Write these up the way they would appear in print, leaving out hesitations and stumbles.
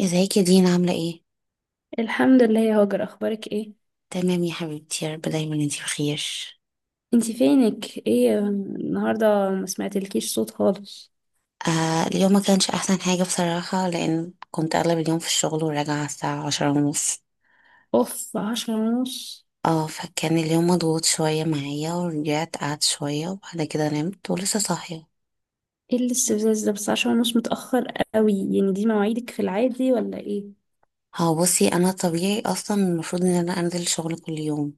ازيك يا دينا، عاملة ايه؟ الحمد لله يا هاجر، اخبارك ايه؟ تمام يا حبيبتي، يا رب دايما انتي بخير. انتي فينك؟ ايه النهارده ما سمعتلكيش صوت خالص. آه، اليوم ما كانش احسن حاجة بصراحة، لان كنت اغلب اليوم في الشغل وراجعة على الساعة 10:30. اوف، عشرة ونص؟ اه، فكان اليوم مضغوط شوية معايا ورجعت قعدت شوية وبعد كده نمت ولسه صاحية. ايه الاستفزاز ده؟ بس عشرة ونص متأخر قوي يعني. دي مواعيدك في العادي ولا ايه؟ هو بصي، انا طبيعي اصلا المفروض ان انا انزل الشغل كل يوم،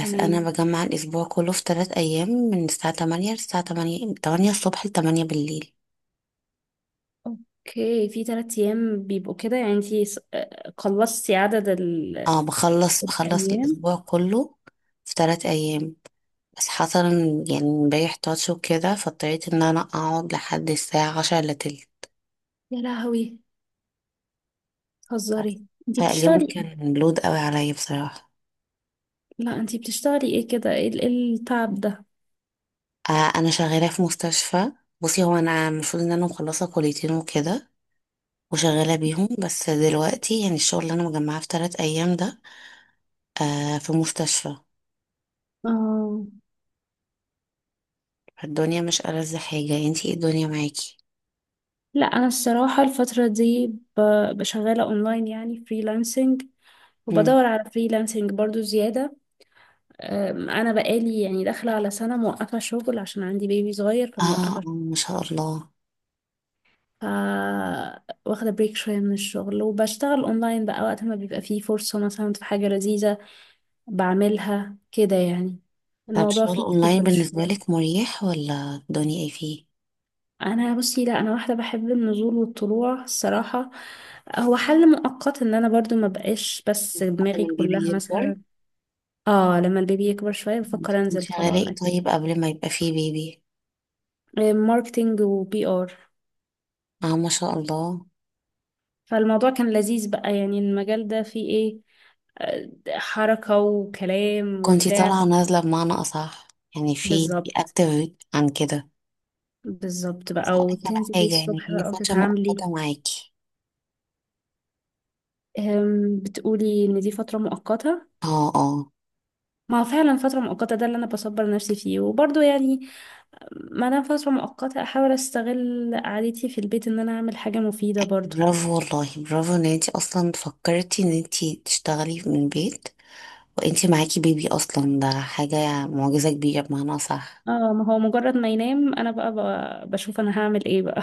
بس انا تمام. بجمع الاسبوع كله في 3 ايام من الساعة 8 للساعة 8، 8 الصبح ل 8 بالليل. اوكي، في تلات ايام بيبقوا كده يعني؟ انتي خلصتي عدد اه، بخلص الايام؟ الاسبوع كله في ثلاث ايام. بس حصل يعني امبارح تاتش وكده، فاضطريت ان انا اقعد لحد الساعة 9:45 يا لهوي، هزاري؟ بس. انتي فاليوم بتشتغلي؟ كان لود قوي عليا بصراحة. لا انتي بتشتغلي ايه كده؟ ايه ال- إيه التعب ده؟ آه، انا شغالة في مستشفى. بصي، هو انا المفروض ان انا مخلصة كليتين وكده وشغالة بيهم، بس دلوقتي يعني الشغل اللي انا مجمعاه في 3 ايام ده آه في مستشفى. اه. الدنيا مش ألذ حاجة؟ انتي ايه الدنيا معاكي؟ لا انا الصراحه الفتره دي بشغاله اونلاين، يعني فريلانسنج، مم، وبدور على فريلانسنج برضو زياده. انا بقالي يعني داخله على سنه موقفه شغل، عشان عندي بيبي صغير، اه آه، فموقفه شغل. ما شاء الله. ف واخده بريك شويه من الشغل وبشتغل اونلاين بقى، وقت ما بيبقى فيه فرصه مثلا في حاجه لذيذه بعملها كده يعني. طب الموضوع شغل اونلاين فليكسبل بالنسبة شويه. لك مريح ولا الدنيا ايه فيه؟ انا بصي لا، انا واحده بحب النزول والطلوع الصراحه. هو حل مؤقت ان انا برضو ما بقاش، بس حتى من دماغي كلها البيبي يكبر. مثلا. اه، لما البيبي يكبر شويه انت بفكر انزل كنتي طبعا. غلاء طيب قبل ما يبقى فيه بيبي؟ ماركتينج وبي ار. اه، ما شاء الله. فالموضوع كان لذيذ بقى. يعني المجال ده فيه ايه؟ حركه وكلام كنتي وبتاع. طالعة نازلة بمعنى أصح، يعني في بالظبط. أكتر عن كده. بالظبط بقى، بس هقولك على وتنزلي حاجة، يعني الصبح هي بقى فترة وتتعاملي. مؤقتة معاكي؟ بتقولي ان دي فتره مؤقته؟ اه اه. ما هو فعلا فترة مؤقتة، ده اللي أنا بصبر نفسي فيه، وبرضه يعني ما انا فترة مؤقتة احاول استغل قعدتي في البيت ان انا اعمل حاجة مفيدة برضو. برافو والله، برافو ان انتي اصلا فكرتي ان انتي تشتغلي من البيت وانتي معاكي بيبي، اصلا ده حاجة معجزة كبيرة بمعنى أصح. اه ما هو مجرد ما ينام انا بقى، بشوف انا هعمل ايه بقى.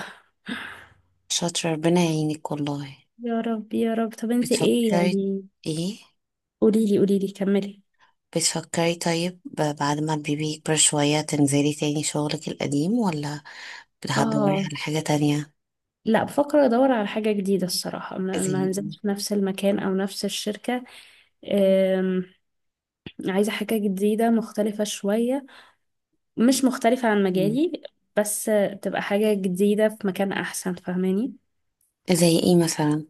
شاطرة، ربنا يعينك والله. يا رب يا رب. طب انت ايه بتفكري يعني؟ ايه؟ قوليلي، قوليلي، كملي. بتفكري طيب بعد ما البيبي يكبر شوية تنزلي تاني شغلك القديم ولا هتدوري اه، على حاجة تانية؟ لا بفكر ادور على حاجة جديدة الصراحة. ما زي ما إيه؟ هنزلش في نفس المكان او نفس الشركة. أم، عايزة حاجة جديدة مختلفة شوية، مش مختلفة عن مم. مجالي، بس تبقى حاجة جديدة في مكان احسن، فاهماني؟ زي ايه مثلا؟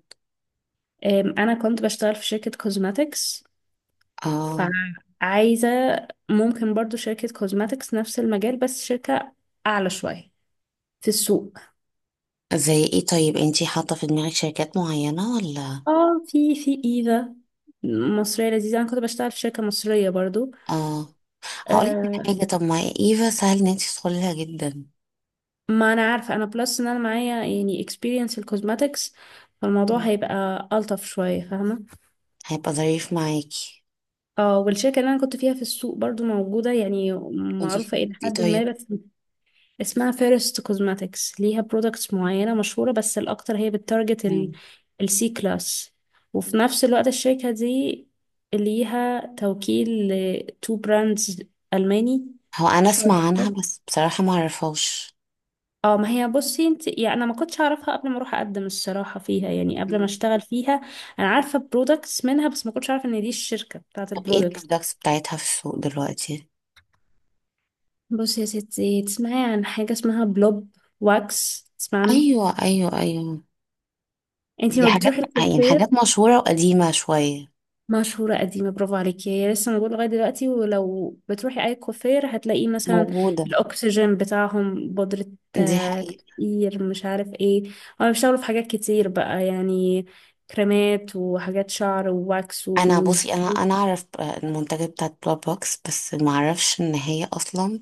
انا كنت بشتغل في شركة كوزماتكس. اه. فعايزة، ممكن برضو شركة كوزماتكس، نفس المجال، بس شركة اعلى شوية في السوق. زي ايه طيب؟ انتي حاطة في دماغك شركات معينة ولا؟ اه، في ايفا، مصرية لذيذة. انا كنت بشتغل في شركة مصرية برضو. اه، هقولك على أه، حاجة، طب ما ايفا سهل ان انتي تدخلي لها جدا. ما انا عارفة، انا بلس ان انا معايا يعني experience الكوزماتكس، فالموضوع مم. هيبقى ألطف شوية، فاهمة؟ هيبقى ظريف معاكي. اه، والشركة اللي انا كنت فيها في السوق برضو موجودة يعني، وانتي معروفة شايفة الى ايه حد ما، طيب؟ بس اسمها فيرست كوزماتكس. ليها برودكتس معينة مشهورة، بس الأكتر هي بتارجت مم. السي كلاس. وفي نفس الوقت الشركة دي ليها توكيل لتو براندز ألماني هو انا شورت. اسمع عنها بس بصراحة ما اعرفهاش. اه ما هي بصي انت يعني، انا ما كنتش اعرفها قبل ما اروح اقدم الصراحه فيها، يعني قبل ما مم. اشتغل فيها انا عارفه برودكتس منها، بس ما كنتش عارفه ان دي الشركه بتاعت طب ايه البرودكتس. البرودكتس بتاعتها في السوق دلوقتي؟ بصي يا ستي، تسمعي عن حاجه اسمها بلوب واكس؟ تسمعي عنه؟ ايوه ايوه ايوه، انتي دي ما حاجات، بتروحي يعني حاجات الكوافير؟ مشهورة وقديمة شوية. مشهورة قديمة، برافو عليكي. هي لسه موجودة لغاية دلوقتي، ولو بتروحي أي كوافير هتلاقي مثلا موجودة، الأكسجين بتاعهم بودرة، دي حقيقة. تكتير، مش عارف ايه. هما بيشتغلوا في حاجات كتير بقى يعني، كريمات وحاجات شعر وواكس انا وزيوت. بصي، انا اعرف المنتجات بتاعت بلاد بوكس بس ما اعرفش ان هي اصلا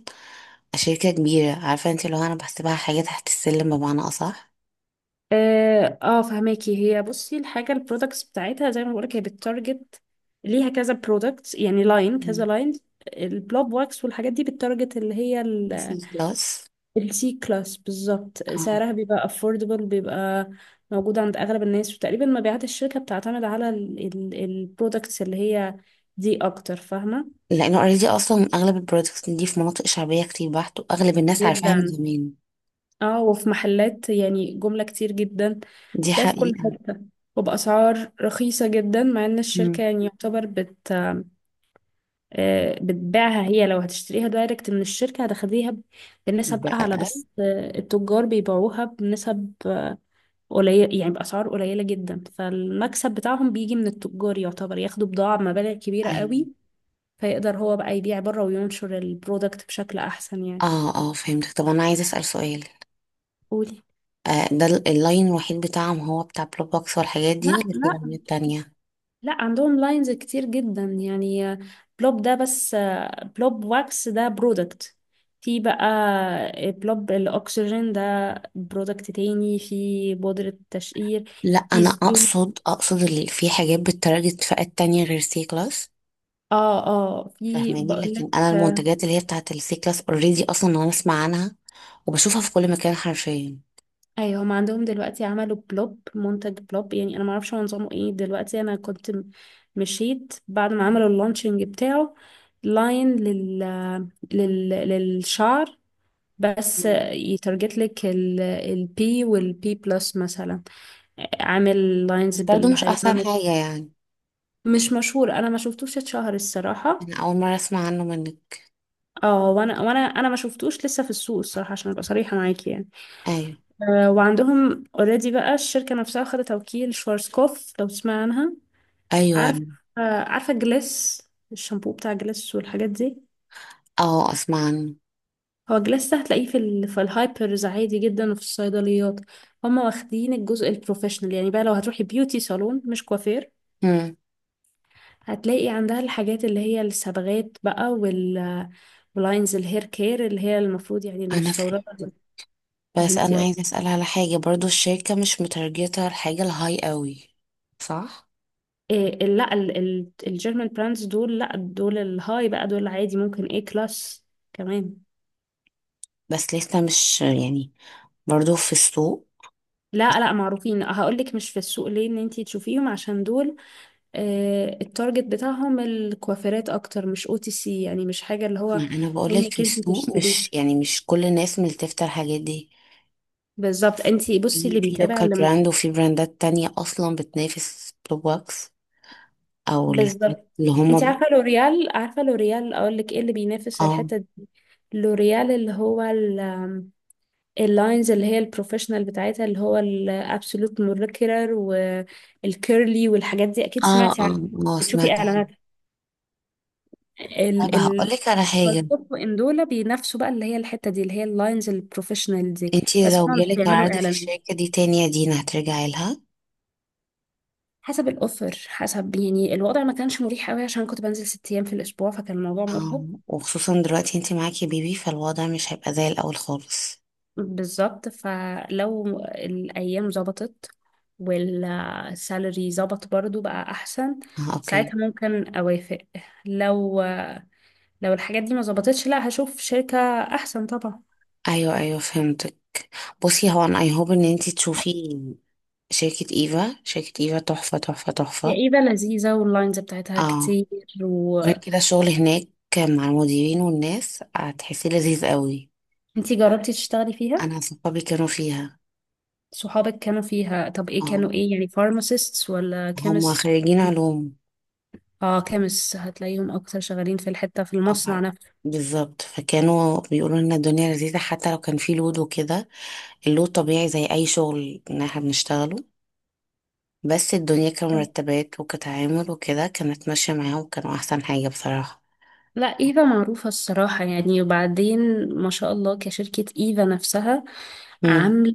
شركة كبيرة. عارفة انت، لو انا بحسبها حاجة تحت السلم بمعنى اصح. فهماكي؟ هي بصي الحاجة البرودكتس بتاعتها، زي ما بقولك، هي بتتارجت، ليها كذا برودكت يعني، لاين كذا مم. لاين. البلوب واكس والحاجات دي بتتارجت اللي هي سي بلس. السي كلاس بالظبط. اه، سعرها بيبقى affordable، بيبقى موجود عند أغلب الناس، وتقريبا مبيعات الشركة بتعتمد على البرودكتس اللي هي دي أكتر، فاهمة؟ لانه اوريدي اصلا اغلب البرودكتس دي في مناطق شعبية كتير بحت واغلب الناس عارفاها من جدا. زمان. اه، وفي محلات يعني جملة كتير جدا، دي بتلاقي في كل حقيقة. حتة، وبأسعار رخيصة جدا، مع إن الشركة مم. يعني يعتبر بت، بتبيعها. هي لو هتشتريها دايركت من الشركة هتاخديها ب- بنسب أعلى، بأقل. بس التجار بيبيعوها بنسب قليل يعني، بأسعار قليلة جدا، فالمكسب بتاعهم بيجي من التجار، يعتبر ياخدوا بضاعة بمبالغ كبيرة ايوه. قوي، فيقدر هو بقى يبيع بره وينشر البرودكت بشكل أحسن يعني. اه اه، فهمتك. طب انا عايزة اسأل سؤال. قولي. آه، ده اللاين الوحيد بتاعهم هو بتاع بلوبوكس والحاجات دي لا ولا في لا لاينات تانية؟ لا عندهم لاينز كتير جدا يعني. بلوب ده بس، بلوب واكس ده برودكت. في بقى بلوب الأكسجين ده، برودكت تاني، في بودرة تشقير، لا، في انا زيوت. اقصد اللي في حاجات بتتارجت فئات تانية غير سي كلاس. اه، في، فاهماني، بقولك. لكن انا المنتجات اللي هي بتاعت السي كلاس اوريدي اصلا انا اسمع عنها وبشوفها في كل مكان حرفيا. ايوه، هم عندهم دلوقتي عملوا بلوب، منتج بلوب، يعني انا ما اعرفش هو نظامه ايه دلوقتي. انا كنت مشيت بعد ما عملوا اللانشنج بتاعه، لاين لل... لل... للشعر بس. مم. يترجت لك البي والبي بلس مثلا، عامل لاينز بس برضه مش احسن بالهيلورونيك. حاجة يعني. مش مشهور، انا ما شفتوش اتشهر الصراحه. انا اول مرة اسمع عنه منك. اه، وانا ما شفتوش لسه في السوق الصراحه، عشان ابقى صريحه معاكي يعني. ايوه وعندهم اوريدي بقى الشركة نفسها خدت توكيل شوارزكوف، لو تسمع عنها. ايوه. عارف؟ عارفة جليس؟ الشامبو بتاع جليس والحاجات دي. اه اسمع عنه. هو جليس ده هتلاقيه في, ال... في الهايبرز عادي جدا وفي الصيدليات. هما واخدين الجزء البروفيشنال يعني، بقى لو هتروحي بيوتي صالون، مش كوافير، مم. هتلاقي عندها الحاجات اللي هي الصبغات بقى، واللاينز الهير كير اللي هي المفروض يعني انا المستوردة. فهمت، بس انا فهمتي؟ عايزة اسأل على حاجة برضه، الشركة مش متارجتة الحاجة الهاي قوي، صح؟ إيه ال- لا ال- ال- الجيرمان براندز دول؟ لا دول الهاي بقى، دول عادي، ممكن ايه كلاس كمان. بس لسه مش يعني برضو في السوق. لا، معروفين. هقولك مش في السوق ليه ان انتي تشوفيهم، عشان دول آه، التارجت بتاعهم الكوافيرات اكتر، مش او تي سي يعني، مش حاجة اللي هو ما انا بقول لك في منك انتي السوق، مش تشتريها. يعني مش كل الناس ملتفتة الحاجات دي. بالظبط. انتي بصي، اللي في بيتابع لوكال اللي م... براند وفي براندات تانية اصلا بتنافس بلوبوكس او الحاجات بالظبط. اللي انتي هما. عارفة لوريال؟ عارفة لوريال؟ اقولك ايه اللي بينافس اه الحتة دي. لوريال اللي هو اللاينز اللي هي البروفيشنال بتاعتها، اللي هو الابسولوت مولكيولر والكيرلي والحاجات دي، اكيد اه. سمعتي عنها، اه اه، بتشوفي سمعت عنها. اعلاناتها. طب ال هقول ال لك على حاجة، ان دول بينافسوا بقى اللي هي الحتة دي، اللي هي اللاينز البروفيشنال دي. انتي بس لو هما مش جالك بيعملوا عرض في اعلانات. الشركة دي تاني يا دينا هترجعي لها؟ حسب الاوفر، حسب يعني، الوضع ما كانش مريح قوي، عشان كنت بنزل 6 ايام في الاسبوع، فكان الموضوع اه، مرهق. وخصوصا دلوقتي انتي معاكي بيبي فالوضع مش هيبقى زي الاول خالص. بالظبط، فلو الايام ظبطت والسالري ظبط برضو بقى احسن، اه اوكي. ساعتها ممكن اوافق. لو، لو الحاجات دي ما ظبطتش، لا هشوف شركة احسن طبعا. ايوه ايوه، فهمتك. بصي، هو انا اي هوب ان انتي تشوفي شركة إيفا. شركة إيفا تحفة تحفة هي تحفة. ايفا لذيذة واللاينز بتاعتها اه. كتير. غير وانتي كده، الشغل هناك مع المديرين والناس هتحسيه لذيذ قوي. جربتي تشتغلي فيها؟ أنا صحابي كانوا فيها. صحابك كانوا فيها؟ طب ايه اه، كانوا؟ ايه يعني؟ فارماسيستس ولا هم كيمست؟ خريجين علوم. اه، كيمست هتلاقيهم اكتر شغالين في الحتة في آه، المصنع نفسه. بالظبط، فكانوا بيقولوا لنا الدنيا لذيذة حتى لو كان في لود وكده. اللود طبيعي زي أي شغل إن احنا بنشتغله، بس الدنيا كمرتبات وكتعامل وكده كانت ماشية معاهم، كانوا أحسن حاجة بصراحة. لا، ايفا معروفة الصراحة يعني، وبعدين ما شاء الله كشركة، ايفا نفسها مم. عاملة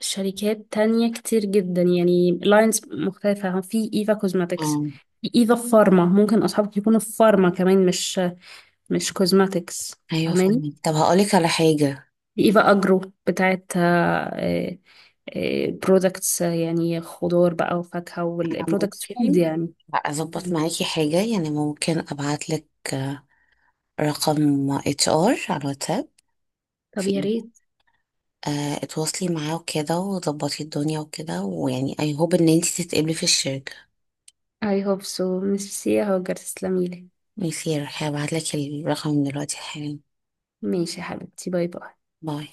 شركات تانية كتير جدا يعني، لاينز مختلفة. في ايفا كوزماتكس، اه. في ايفا فارما، ممكن اصحابك يكونوا في فارما كمان، مش كوزماتكس، أيوة فاهماني؟ فاهمك. طب هقولك على حاجة، في ايفا اجرو، بتاعت برودكتس يعني، خضار بقى وفاكهة، والبرودكتس فود ممكن يعني. اظبط مم. معاكي حاجه يعني، ممكن ابعت لك رقم HR على الواتساب. طب يا في ريت. آه، اتواصلي معاه وكده وظبطي الدنيا وكده، ويعني اي هوب ان انتي تتقبلي في الشركه. I hope so. ميرسي يا هاجر، تسلميلي. ميسي، هبعت لك الرقم دلوقتي حالا. ماشي يا حبيبتي، باي باي. باي.